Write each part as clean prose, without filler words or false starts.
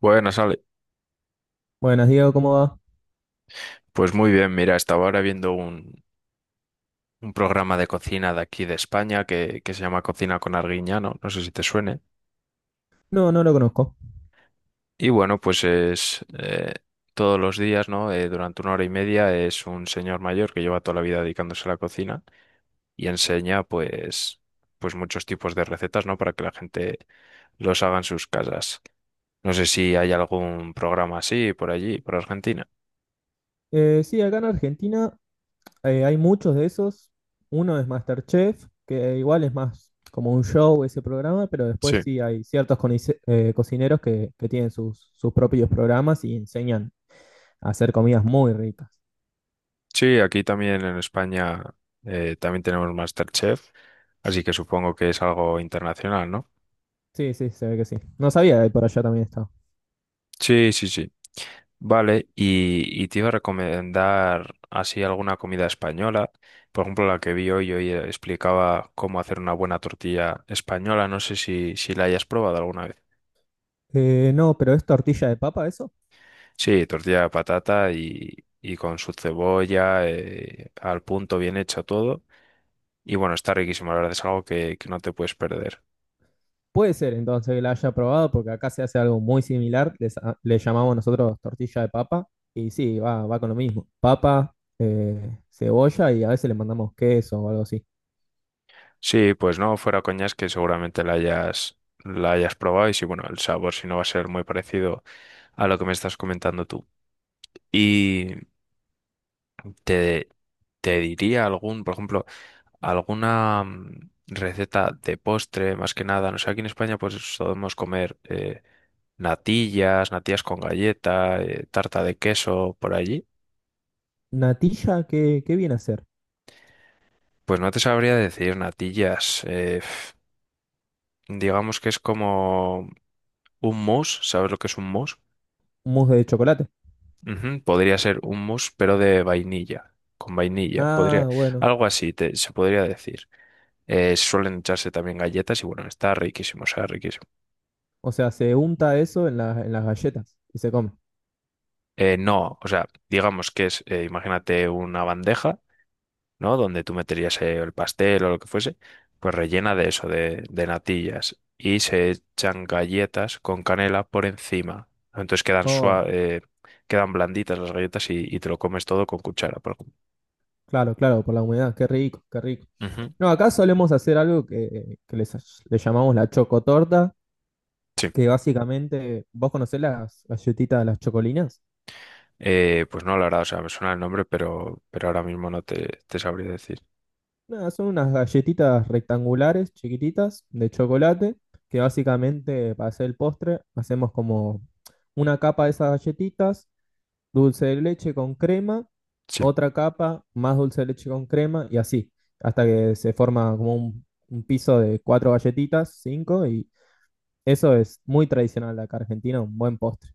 Buenas, Ale. Buenas, Diego, ¿cómo va? Pues muy bien, mira, estaba ahora viendo un programa de cocina de aquí de España que se llama Cocina con Arguiñano, no sé si te suene. No, no lo conozco. Y bueno, pues es todos los días, ¿no? Durante una hora y media es un señor mayor que lleva toda la vida dedicándose a la cocina y enseña pues muchos tipos de recetas, ¿no? Para que la gente los haga en sus casas. No sé si hay algún programa así por allí, por Argentina. Sí, acá en Argentina hay muchos de esos. Uno es MasterChef, que igual es más como un show ese programa, pero después Sí. sí hay ciertos cocineros que tienen sus propios programas y enseñan a hacer comidas muy ricas. Sí, aquí también en España también tenemos MasterChef, así que supongo que es algo internacional, ¿no? Sí, sí, se ve que sí. No sabía que por allá también estaba. Sí, sí, sí. Vale, y te iba a recomendar así alguna comida española. Por ejemplo, la que vi hoy explicaba cómo hacer una buena tortilla española. No sé si la hayas probado alguna vez. No, pero ¿es tortilla de papa eso? Sí, tortilla de patata y con su cebolla, al punto, bien hecho todo. Y bueno, está riquísimo, la verdad es algo que no te puedes perder. Puede ser entonces que la haya probado, porque acá se hace algo muy similar, le llamamos nosotros tortilla de papa, y sí, va, va con lo mismo, papa, cebolla y a veces le mandamos queso o algo así. Sí, pues no, fuera coñas que seguramente la hayas probado y si bueno, el sabor si no va a ser muy parecido a lo que me estás comentando tú. Y te, te diría algún, por ejemplo, alguna receta de postre, más que nada. No sé, aquí en España pues solemos comer natillas, natillas con galleta, tarta de queso por allí. Natilla, ¿ qué viene a ser? Pues no te sabría decir natillas, digamos que es como un mousse, ¿sabes lo que es un mousse? Mousse de chocolate. Ujú. Podría ser un mousse, pero de vainilla, con vainilla, podría, Ah, bueno, algo así se podría decir. Suelen echarse también galletas y bueno, está riquísimo, o sea, riquísimo. o sea, se unta eso en, en las galletas y se come. No, o sea, digamos que es, imagínate una bandeja, ¿no? Donde tú meterías el pastel o lo que fuese, pues rellena de eso, de natillas, y se echan galletas con canela por encima. Entonces quedan Oh, sua- eh, quedan blanditas las galletas y te lo comes todo con cuchara, por ejemplo. claro, claro, por la humedad, qué rico, qué rico. Ujú. No, acá solemos hacer algo que le llamamos la chocotorta, Sí. que básicamente, ¿vos conocés las galletitas de las chocolinas? Pues no, la verdad, o sea, me suena el nombre, pero ahora mismo no te sabría decir. Nada, son unas galletitas rectangulares, chiquititas, de chocolate, que básicamente para hacer el postre hacemos como una capa de esas galletitas, dulce de leche con crema, Sí. otra capa, más dulce de leche con crema y así, hasta que se forma como un piso de cuatro galletitas, cinco, y eso es muy tradicional de acá Argentina, un buen postre.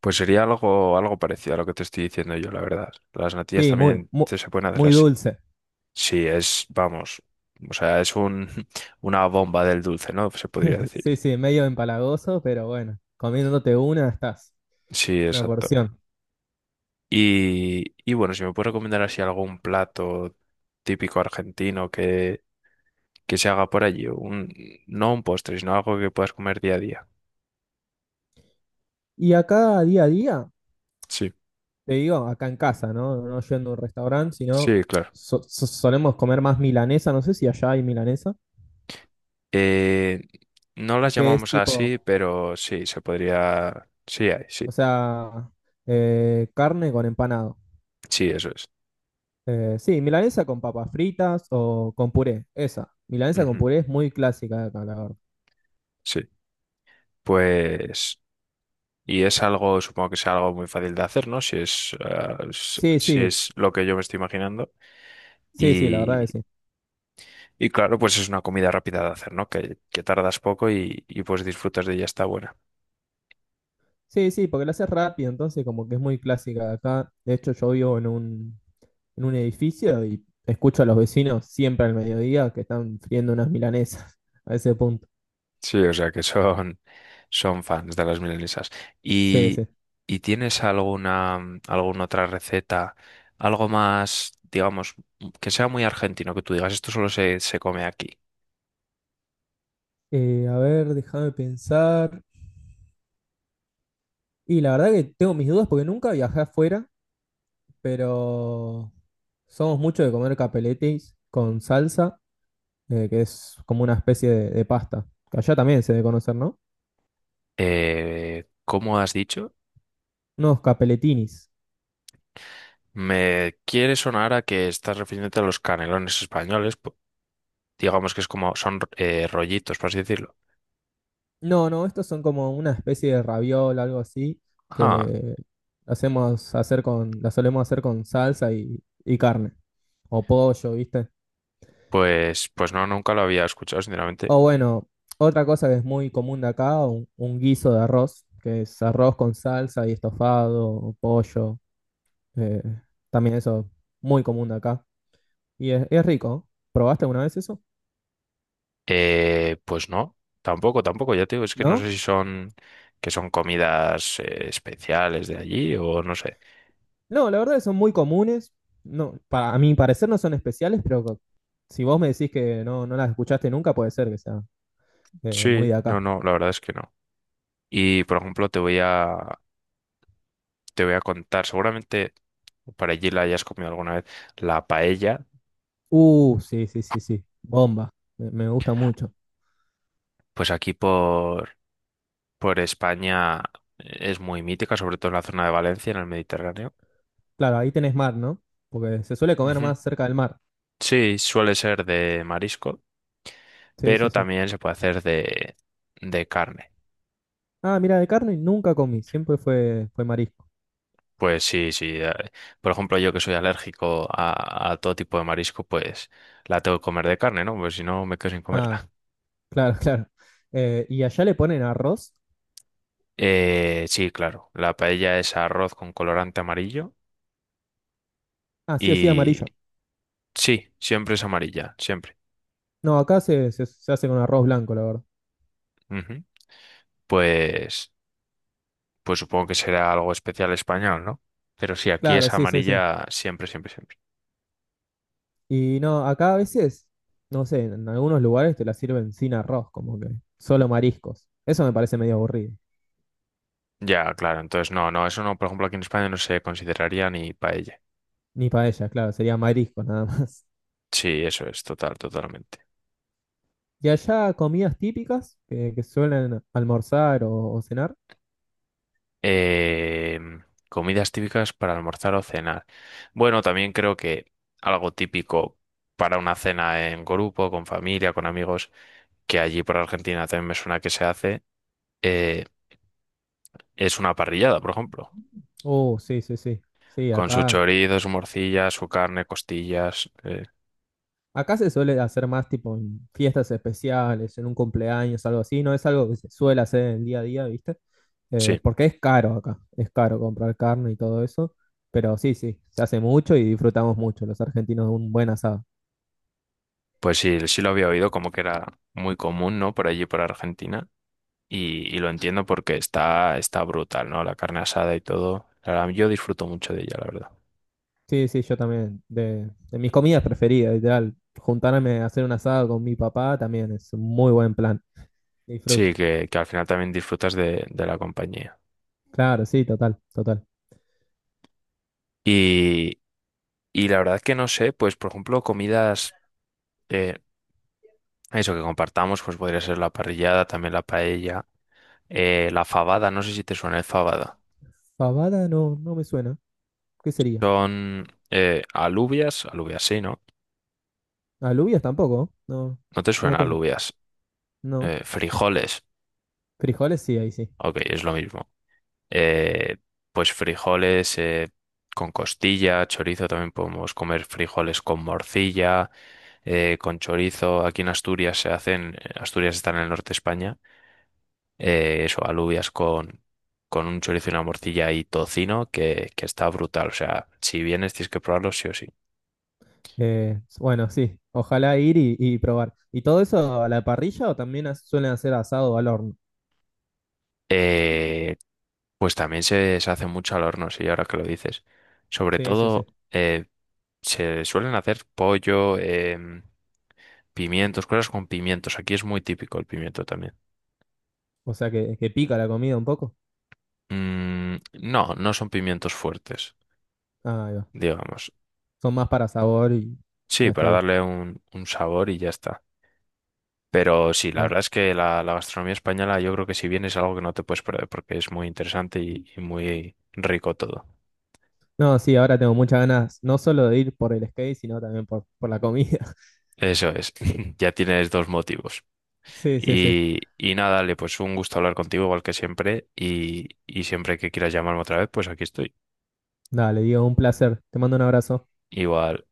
Pues sería algo parecido a lo que te estoy diciendo yo, la verdad. Las natillas Sí, muy, también muy, te se pueden hacer muy así. dulce. Sí, es, vamos, o sea, es una bomba del dulce, ¿no? Se podría decir. Sí, sí, medio empalagoso, pero bueno, comiéndote una estás, Sí, una exacto. porción. Y bueno, si me puedes recomendar así algún plato típico argentino que se haga por allí, no un postre, sino algo que puedas comer día a día. Y acá día a día, Sí. te digo, acá en casa, ¿no? No yendo a un restaurante, sino Sí, claro. Solemos comer más milanesa, no sé si allá hay milanesa, Eh, no las que es llamamos tipo, así, pero sí, se podría. Sí, hay, sí. o sea, carne con empanado. Sí, eso es. Sí, milanesa con papas fritas o con puré, esa. Milanesa con Ujú. puré es muy clásica de acá, la verdad. Sí. Pues. Y es algo, supongo que sea algo muy fácil de hacer, ¿no? Si es, ah, s- Sí, si sí, es lo que yo me estoy imaginando. sí, sí, la verdad que Y, sí. y claro, pues es una comida rápida de hacer, ¿no? Que tardas poco y pues disfrutas de ella, está buena. Sí, sí, porque la haces rápido, entonces como que es muy clásica de acá. De hecho, yo vivo en en un edificio y escucho a los vecinos siempre al mediodía que están friendo unas milanesas a ese punto. Sí, o sea que son fans de las milanesas. Sí, ¿Y, sí. y tienes alguna otra receta, algo más, digamos, que sea muy argentino, que tú digas, esto solo se come aquí? A ver, déjame pensar. Y la verdad que tengo mis dudas porque nunca viajé afuera, pero somos mucho de comer capeletis con salsa, que es como una especie de pasta. Que allá también se debe conocer, ¿no? ¿Cómo has dicho? Unos capeletinis. Me quiere sonar a que estás refiriéndote a los canelones españoles, digamos que es como, son rollitos, por así decirlo. No, no, estos son como una especie de raviol, algo así, Ah, que hacemos hacer con, la solemos hacer con salsa y carne, o pollo, ¿viste? pues no, nunca lo había escuchado, sinceramente. O bueno, otra cosa que es muy común de acá, un guiso de arroz, que es arroz con salsa y estofado, o pollo, eh, también eso, muy común de acá. Y es rico. ¿Eh? ¿Probaste alguna vez eso? Pues no, tampoco, tampoco. Ya te digo, es que no ¿No? sé si son que son comidas especiales de allí o no sé. No, la verdad que son muy comunes. No, para, a mi parecer no son especiales, pero si vos me decís que no, no las escuchaste nunca, puede ser que sea muy Sí, de no, acá. no, la verdad es que no. Y por ejemplo, te voy a contar, seguramente por allí la hayas comido alguna vez, la paella. Sí, sí, sí, sí. Bomba. Me gusta mucho. Pues aquí por España es muy mítica, sobre todo en la zona de Valencia, en el Mediterráneo. Claro, ahí tenés mar, ¿no? Porque se suele comer Ujú. más cerca del mar. Sí, suele ser de marisco, Sí, sí, pero sí. también se puede hacer de carne. Ah, mira, de carne nunca comí. Siempre fue, fue marisco. Pues sí, sí. Por ejemplo, yo que soy alérgico a todo tipo de marisco, pues la tengo que comer de carne, ¿no? Pues si no, me quedo sin Ah, comerla. claro, claro. ¿Y allá le ponen arroz? Sí, claro. La paella es arroz con colorante amarillo Ah, sí o sí, y amarillo. sí, siempre es amarilla, siempre. No, acá se hace con arroz blanco, la verdad. Ujú. Pues, pues supongo que será algo especial español, ¿no? Pero sí, aquí Claro, es sí, sí, sí. amarilla siempre, siempre, siempre. Y no, acá a veces, no sé, en algunos lugares te la sirven sin arroz, como que solo mariscos. Eso me parece medio aburrido. Ya, claro. Entonces, no, no, eso no, por ejemplo, aquí en España no se consideraría ni paella. Ni paella, claro, sería mariscos nada más. Sí, eso es, totalmente. Y allá comidas típicas que suelen almorzar o cenar. Eh, Comidas típicas para almorzar o cenar. Bueno, también creo que algo típico para una cena en grupo, con familia, con amigos, que allí por Argentina también me suena que se hace, eh, es una parrillada, por ejemplo, Oh, sí, sí, sí. Sí, con su acá. chorizo, su morcilla, su carne, costillas. Acá se suele hacer más tipo en fiestas especiales, en un cumpleaños, algo así. No es algo que se suele hacer en el día a día, ¿viste? Sí, Porque es caro acá. Es caro comprar carne y todo eso. Pero sí, sí, se hace mucho y disfrutamos mucho los argentinos de un buen asado. pues sí, sí lo había oído como que era muy común, ¿no? Por allí por Argentina. Y lo entiendo porque está brutal, ¿no? La carne asada y todo. La verdad, yo disfruto mucho de ella, la verdad. Sí, sí, yo también. De mis comidas preferidas, ideal. Juntarme a hacer un asado con mi papá también es un muy buen plan. Disfruto. Sí, que al final también disfrutas de la compañía. Claro, sí, total, total. Y, y la verdad que no sé, pues por ejemplo, comidas, eh, eso que compartamos, pues podría ser la parrillada, también la paella, la fabada, no sé si te suena el fabada. Fabada no, no me suena. ¿Qué sería? Son alubias, alubias sí, ¿no? Alubias tampoco. No, No te no suena tengo. alubias, No. Frijoles, Frijoles, sí, ahí sí. ok, es lo mismo. eh, pues frijoles con costilla, chorizo, también podemos comer frijoles con morcilla, con chorizo. Aquí en Asturias se hacen, Asturias está en el norte de España, eso, alubias con un chorizo y una morcilla y tocino, que está brutal. O sea, si vienes tienes que probarlo sí o sí. Bueno, sí, ojalá ir y probar. ¿Y todo eso a la parrilla o también suelen hacer asado al horno? Eh, pues también se hace mucho al horno, sí, ahora que lo dices. Sobre Sí, sí, sí. todo, eh, se suelen hacer pollo. Pimientos, cosas con pimientos. Aquí es muy típico el pimiento también. O sea que pica la comida un poco. Mm, no, no son pimientos fuertes, Ah, ahí va. digamos. Son más para sabor y Sí, hasta para ahí. darle un sabor y ya está. Pero sí, la Ah. verdad es que la gastronomía española yo creo que si vienes es algo que no te puedes perder porque es muy interesante y muy rico todo. No, sí, ahora tengo muchas ganas, no solo de ir por el skate, sino también por la comida. Eso es, ya tienes dos motivos. Sí, sí, sí. Y nada, dale, pues un gusto hablar contigo igual que siempre y siempre que quieras llamarme otra vez, pues aquí estoy. Dale, digo, un placer. Te mando un abrazo. Igual.